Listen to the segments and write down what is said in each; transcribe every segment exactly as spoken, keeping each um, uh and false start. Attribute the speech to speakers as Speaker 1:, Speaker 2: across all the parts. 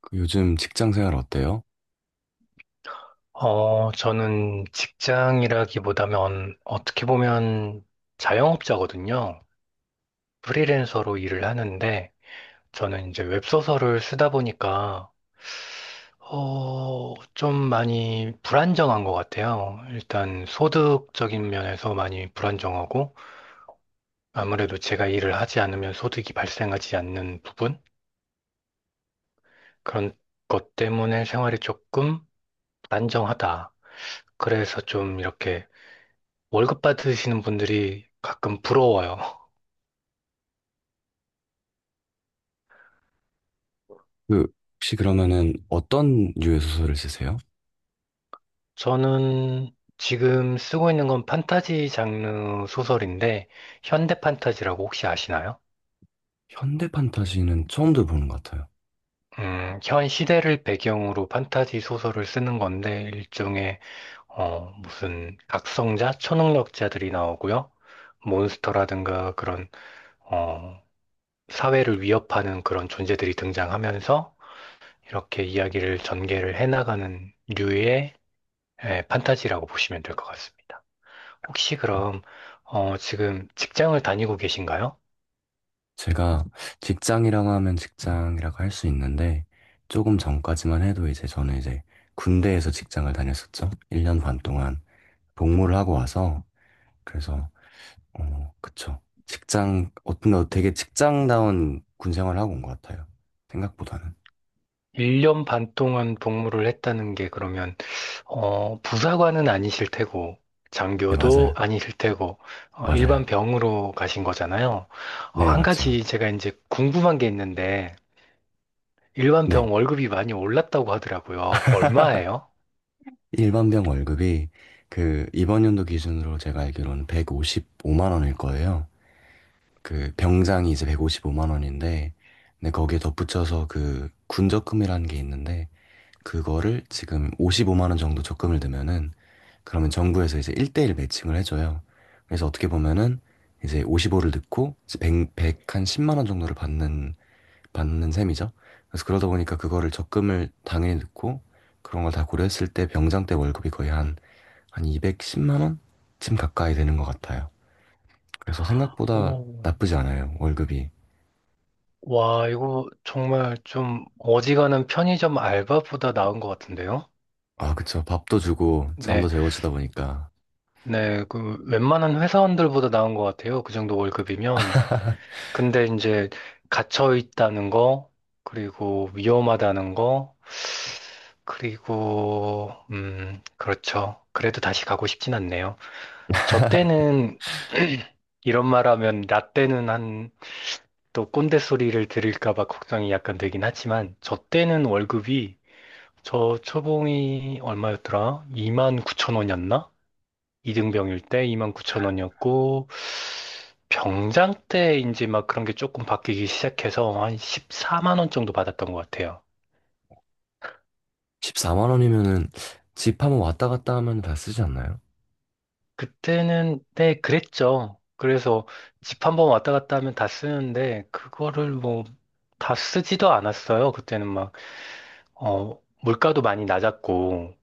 Speaker 1: 그 요즘 직장 생활 어때요?
Speaker 2: 어, 저는 직장이라기보다는 어떻게 보면 자영업자거든요. 프리랜서로 일을 하는데 저는 이제 웹소설을 쓰다 보니까 어, 좀 많이 불안정한 것 같아요. 일단 소득적인 면에서 많이 불안정하고 아무래도 제가 일을 하지 않으면 소득이 발생하지 않는 부분 그런 것 때문에 생활이 조금 불안정하다. 그래서 좀 이렇게 월급 받으시는 분들이 가끔 부러워요.
Speaker 1: 그 혹시 그러면은 어떤 류의 소설을 쓰세요?
Speaker 2: 저는 지금 쓰고 있는 건 판타지 장르 소설인데, 현대 판타지라고 혹시 아시나요?
Speaker 1: 현대 판타지는 처음 들어보는 것 같아요.
Speaker 2: 음, 현 시대를 배경으로 판타지 소설을 쓰는 건데, 일종의, 어, 무슨 각성자, 초능력자들이 나오고요. 몬스터라든가 그런, 어, 사회를 위협하는 그런 존재들이 등장하면서, 이렇게 이야기를 전개를 해나가는 류의 예, 판타지라고 보시면 될 것 같습니다. 혹시 그럼, 어, 지금 직장을 다니고 계신가요?
Speaker 1: 제가 직장이라고 하면 직장이라고 할 수 있는데 조금 전까지만 해도 이제 저는 이제 군대에서 직장을 다녔었죠. 일 년 반 동안 복무를 하고 와서 그래서 어, 그쵸. 직장, 어떤, 되게 직장다운 군 생활하고 온 것 같아요. 생각보다는.
Speaker 2: 일 년 반 동안 복무를 했다는 게 그러면, 어, 부사관은 아니실 테고,
Speaker 1: 네,
Speaker 2: 장교도
Speaker 1: 맞아요.
Speaker 2: 아니실 테고, 어, 일반
Speaker 1: 맞아요.
Speaker 2: 병으로 가신 거잖아요. 어,
Speaker 1: 네,
Speaker 2: 한
Speaker 1: 맞죠.
Speaker 2: 가지 제가 이제 궁금한 게 있는데, 일반
Speaker 1: 네.
Speaker 2: 병 월급이 많이 올랐다고 하더라고요. 얼마예요?
Speaker 1: 일반병 월급이 그 이번 연도 기준으로 제가 알기로는 백오십오만 원일 거예요. 그 병장이 이제 백오십오만 원인데, 근데 거기에 덧붙여서 그 군적금이라는 게 있는데, 그거를 지금 오십오만 원 정도 적금을 넣으면은 그러면 정부에서 이제 일 대일 매칭을 해줘요. 그래서 어떻게 보면은 이제 오십오를 넣고 이제 백, 한 십만 원 정도를 받는, 받는 셈이죠. 그래서 그러다 보니까 그거를 적금을 당연히 넣고 그런 걸 다 고려했을 때 병장 때 월급이 거의 한, 한 이백십만 원쯤 가까이 되는 것 같아요. 그래서 생각보다
Speaker 2: 오.
Speaker 1: 나쁘지 않아요, 월급이.
Speaker 2: 와, 이거 정말 좀 어지간한 편의점 알바보다 나은 것 같은데요?
Speaker 1: 아, 그쵸. 밥도 주고 잠도
Speaker 2: 네.
Speaker 1: 재워주다 보니까
Speaker 2: 네, 그 웬만한 회사원들보다 나은 것 같아요. 그 정도 월급이면. 근데 이제 갇혀 있다는 거, 그리고 위험하다는 거, 그리고 음, 그렇죠. 그래도 다시 가고 싶진 않네요. 저 때는 이런 말 하면 나 때는 한 또 꼰대 소리를 들을까 봐 걱정이 약간 되긴 하지만 저 때는 월급이, 저 초봉이 얼마였더라? 이만 구천 원이었나? 이등병일 때 이만 구천 원이었고, 병장 때인지 막 그런 게 조금 바뀌기 시작해서 한 십사만 원 정도 받았던 것 같아요.
Speaker 1: 십사만 원이면은 집 한번 왔다 갔다 하면 다 쓰지 않나요?
Speaker 2: 그때는, 네, 그랬죠. 그래서 집 한 번 왔다 갔다 하면 다 쓰는데, 그거를 뭐, 다 쓰지도 않았어요. 그때는 막, 어, 물가도 많이 낮았고,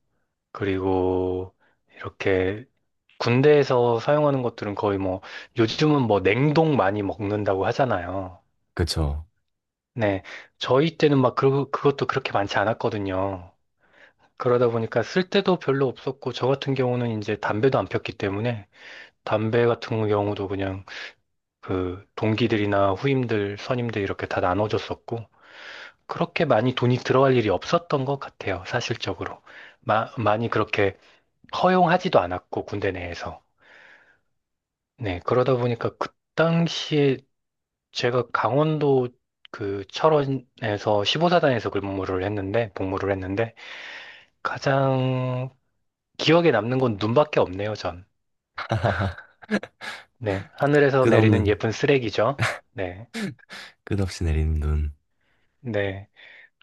Speaker 2: 그리고 이렇게 군대에서 사용하는 것들은 거의 뭐, 요즘은 뭐 냉동 많이 먹는다고 하잖아요.
Speaker 1: 그쵸.
Speaker 2: 네. 저희 때는 막 그, 그것도 그렇게 많지 않았거든요. 그러다 보니까 쓸 때도 별로 없었고, 저 같은 경우는 이제 담배도 안 폈기 때문에, 담배 같은 경우도 그냥 그 동기들이나 후임들, 선임들 이렇게 다 나눠줬었고, 그렇게 많이 돈이 들어갈 일이 없었던 것 같아요, 사실적으로. 마- 많이 그렇게 허용하지도 않았고, 군대 내에서. 네. 그러다 보니까 그 당시에 제가 강원도 그 철원에서 십오 사단에서 근무를 했는데, 복무를 했는데, 가장 기억에 남는 건 눈밖에 없네요, 전. 네. 하늘에서
Speaker 1: 끝없는,
Speaker 2: 내리는 예쁜 쓰레기죠. 네.
Speaker 1: 끝없이 내리는 눈.
Speaker 2: 네.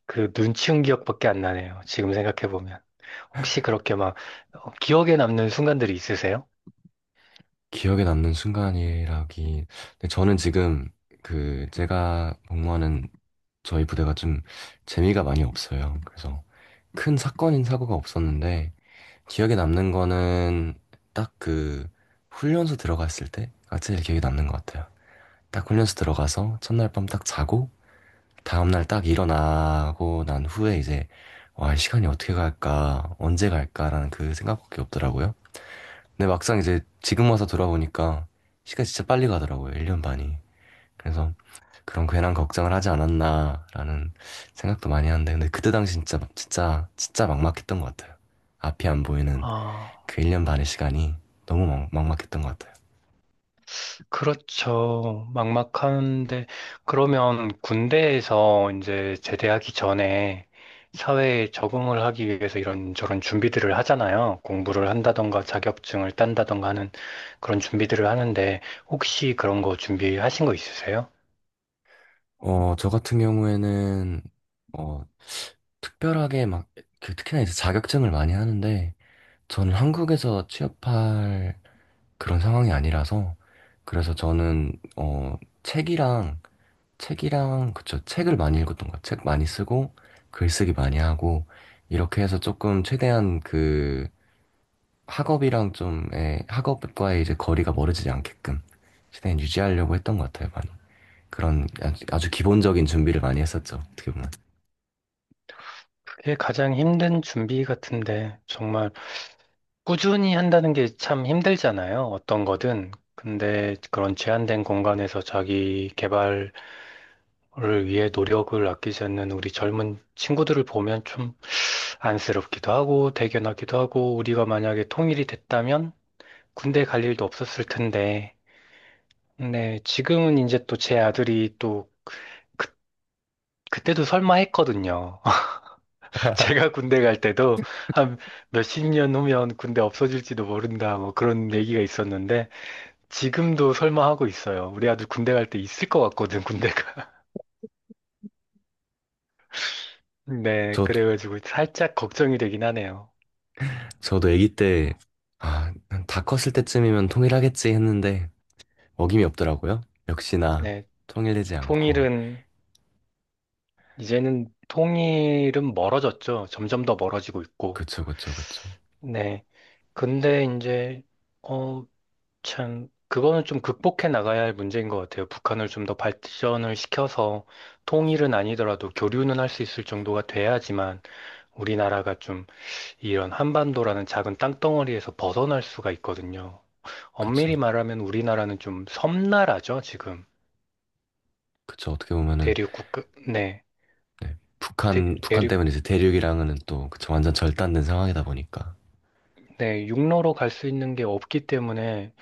Speaker 2: 그 눈치운 기억밖에 안 나네요. 지금 생각해보면. 혹시 그렇게 막 어, 기억에 남는 순간들이 있으세요?
Speaker 1: 기억에 남는 순간이라기. 근데 저는 지금 그 제가 복무하는 저희 부대가 좀 재미가 많이 없어요. 그래서 큰 사건인 사고가 없었는데 기억에 남는 거는 딱 그 훈련소 들어갔을 때가 제일 기억에 남는 것 같아요. 딱 훈련소 들어가서 첫날 밤 딱 자고 다음날 딱 일어나고 난 후에 이제 와, 이 시간이 어떻게 갈까, 언제 갈까라는 그 생각밖에 없더라고요. 근데 막상 이제 지금 와서 돌아보니까 시간이 진짜 빨리 가더라고요. 일 년 반이. 그래서 그런 괜한 걱정을 하지 않았나라는 생각도 많이 하는데 근데 그때 당시 진짜 진짜 진짜 막막했던 것 같아요. 앞이 안 보이는
Speaker 2: 아,
Speaker 1: 그 일 년 반의 시간이 너무 막, 막막했던 것 같아요.
Speaker 2: 그렇죠. 막막한데, 그러면 군대에서 이제 제대하기 전에 사회에 적응을 하기 위해서 이런저런 준비들을 하잖아요. 공부를 한다던가 자격증을 딴다던가 하는 그런 준비들을 하는데, 혹시 그런 거 준비하신 거 있으세요?
Speaker 1: 어, 저 같은 경우에는 어, 특별하게 막 그 특히나 이제 자격증을 많이 하는데 저는 한국에서 취업할 그런 상황이 아니라서 그래서 저는 어 책이랑 책이랑, 그쵸. 책을 많이 읽었던 것 같아요. 책 많이 쓰고, 글쓰기 많이 하고, 이렇게 해서 조금 최대한 그 학업이랑 좀, 예, 학업과의 이제 거리가 멀어지지 않게끔 최대한 유지하려고 했던 것 같아요, 많이. 그런 아주, 아주 기본적인 준비를 많이 했었죠, 어떻게 보면.
Speaker 2: 그게 가장 힘든 준비 같은데, 정말 꾸준히 한다는 게 참 힘들잖아요. 어떤 거든. 근데 그런 제한된 공간에서 자기 개발 를 위해 노력을 아끼지 않는 우리 젊은 친구들을 보면 좀 안쓰럽기도 하고 대견하기도 하고, 우리가 만약에 통일이 됐다면 군대 갈 일도 없었을 텐데. 네. 지금은 이제 또 제 아들이 또 그, 그때도 설마 했거든요. 제가 군대 갈 때도 한 몇 십 년 후면 군대 없어질지도 모른다 뭐 그런 얘기가 있었는데, 지금도 설마 하고 있어요. 우리 아들 군대 갈 때 있을 것 같거든, 군대가. 네.
Speaker 1: 저도,
Speaker 2: 그래가지고 살짝 걱정이 되긴 하네요.
Speaker 1: 저도 아기 때, 아, 다 컸을 때쯤이면 통일하겠지 했는데, 어김이 없더라고요. 역시나
Speaker 2: 네.
Speaker 1: 통일되지 않고.
Speaker 2: 통일은, 이제는 통일은 멀어졌죠. 점점 더 멀어지고 있고.
Speaker 1: 그쵸, 그쵸, 그쵸.
Speaker 2: 네. 근데 이제 어 참 그거는 좀 극복해 나가야 할 문제인 것 같아요. 북한을 좀 더 발전을 시켜서 통일은 아니더라도 교류는 할 수 있을 정도가 돼야지만 우리나라가 좀 이런 한반도라는 작은 땅덩어리에서 벗어날 수가 있거든요.
Speaker 1: 그쵸.
Speaker 2: 엄밀히 말하면 우리나라는 좀 섬나라죠, 지금.
Speaker 1: 그쵸. 어떻게 보면은
Speaker 2: 대륙 국. 네.
Speaker 1: 네.
Speaker 2: 대,
Speaker 1: 북한, 북한
Speaker 2: 륙.
Speaker 1: 때문에 이제 대륙이랑은 또 그쵸, 완전 절단된 상황이다 보니까.
Speaker 2: 네, 육로로 갈 수 있는 게 없기 때문에,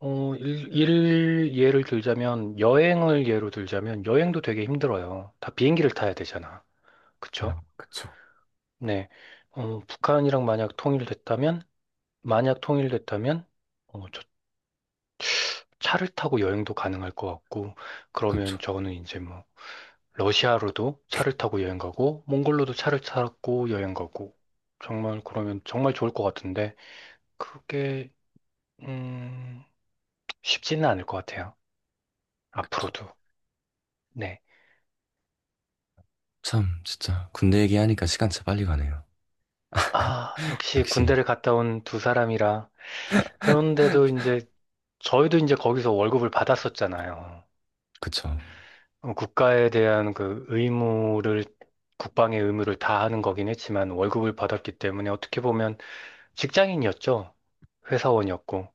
Speaker 2: 어, 일, 일 예를 들자면, 여행을 예로 들자면, 여행도 되게 힘들어요. 다 비행기를 타야 되잖아. 그쵸?
Speaker 1: 아, 그쵸.
Speaker 2: 네. 어, 북한이랑 만약 통일됐다면, 만약 통일됐다면, 어, 저 차를 타고 여행도 가능할 것 같고, 그러면
Speaker 1: 그쵸,
Speaker 2: 저는 이제 뭐, 러시아로도 차를 타고 여행 가고, 몽골로도 차를 타고 여행 가고, 정말 그러면 정말 좋을 것 같은데, 그게, 음, 쉽지는 않을 것 같아요.
Speaker 1: 그쵸.
Speaker 2: 앞으로도. 네.
Speaker 1: 참, 진짜 군대 얘기하니까 시간 진짜 빨리 가네요.
Speaker 2: 아, 역시
Speaker 1: 역시,
Speaker 2: 군대를 갔다 온 두 사람이라. 그런데도 이제 저희도 이제 거기서 월급을 받았었잖아요.
Speaker 1: 그쵸.
Speaker 2: 어, 국가에 대한 그 의무를, 국방의 의무를 다하는 거긴 했지만 월급을 받았기 때문에 어떻게 보면 직장인이었죠. 회사원이었고.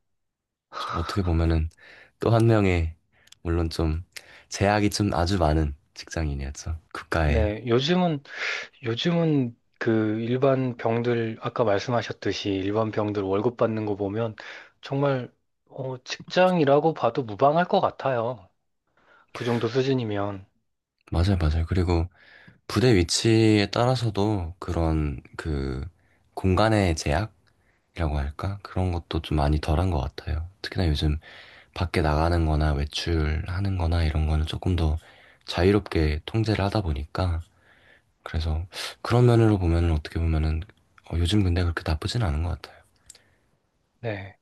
Speaker 1: 저 어떻게 보면은 또 한 명의, 물론 좀 제약이 좀 아주 많은 직장인이었죠. 국가에.
Speaker 2: 네, 요즘은 요즘은 그 일반 병들 아까 말씀하셨듯이 일반 병들 월급 받는 거 보면 정말 어, 직장이라고 봐도 무방할 것 같아요. 그 정도 수준이면.
Speaker 1: 맞아요, 맞아요. 그리고 부대 위치에 따라서도 그런 그 공간의 제약이라고 할까? 그런 것도 좀 많이 덜한 것 같아요. 특히나 요즘 밖에 나가는 거나 외출하는 거나 이런 거는 조금 더 자유롭게 통제를 하다 보니까 그래서 그런 면으로 보면은 어떻게 보면은 어, 요즘 군대 그렇게 나쁘진 않은 것 같아요.
Speaker 2: 네.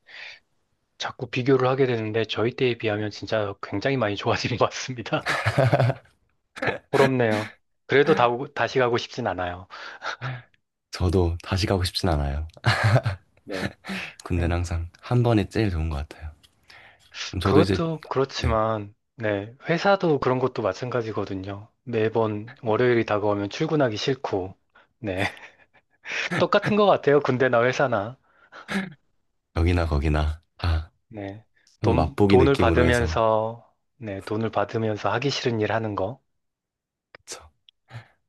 Speaker 2: 자꾸 비교를 하게 되는데, 저희 때에 비하면 진짜 굉장히 많이 좋아진 것 같습니다. 부럽네요. 그래도 다, 오- 다시 가고 싶진 않아요.
Speaker 1: 저도 다시 가고 싶진 않아요.
Speaker 2: 네.
Speaker 1: 군대는
Speaker 2: 음,
Speaker 1: 항상 한 번이 제일 좋은 것 같아요. 그럼 저도 이제
Speaker 2: 그것도
Speaker 1: 네,
Speaker 2: 그렇지만, 네. 회사도 그런 것도 마찬가지거든요. 매번 월요일이 다가오면 출근하기 싫고, 네. 똑같은 것 같아요. 군대나 회사나.
Speaker 1: 여기나 거기나 다
Speaker 2: 네.
Speaker 1: 한번
Speaker 2: 돈,
Speaker 1: 맛보기
Speaker 2: 돈을
Speaker 1: 느낌으로 해서
Speaker 2: 받으면서, 네. 돈을 받으면서 하기 싫은 일 하는 거.
Speaker 1: 그쵸.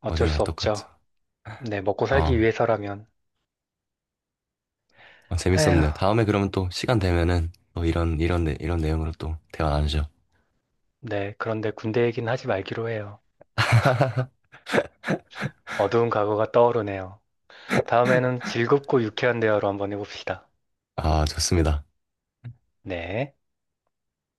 Speaker 2: 어쩔
Speaker 1: 어디나 다
Speaker 2: 수
Speaker 1: 똑같죠.
Speaker 2: 없죠. 네. 먹고
Speaker 1: 어,
Speaker 2: 살기 위해서라면.
Speaker 1: 어,
Speaker 2: 에휴.
Speaker 1: 재밌었네요. 다음에 그러면 또 시간 되면은 또 이런 이런 내- 이런 내용으로 또 대화 나누죠.
Speaker 2: 네, 그런데 군대 얘기는 하지 말기로 해요. 어두운 과거가 떠오르네요. 다음에는 즐겁고 유쾌한 대화로 한번 해봅시다.
Speaker 1: 아, 좋습니다.
Speaker 2: 네.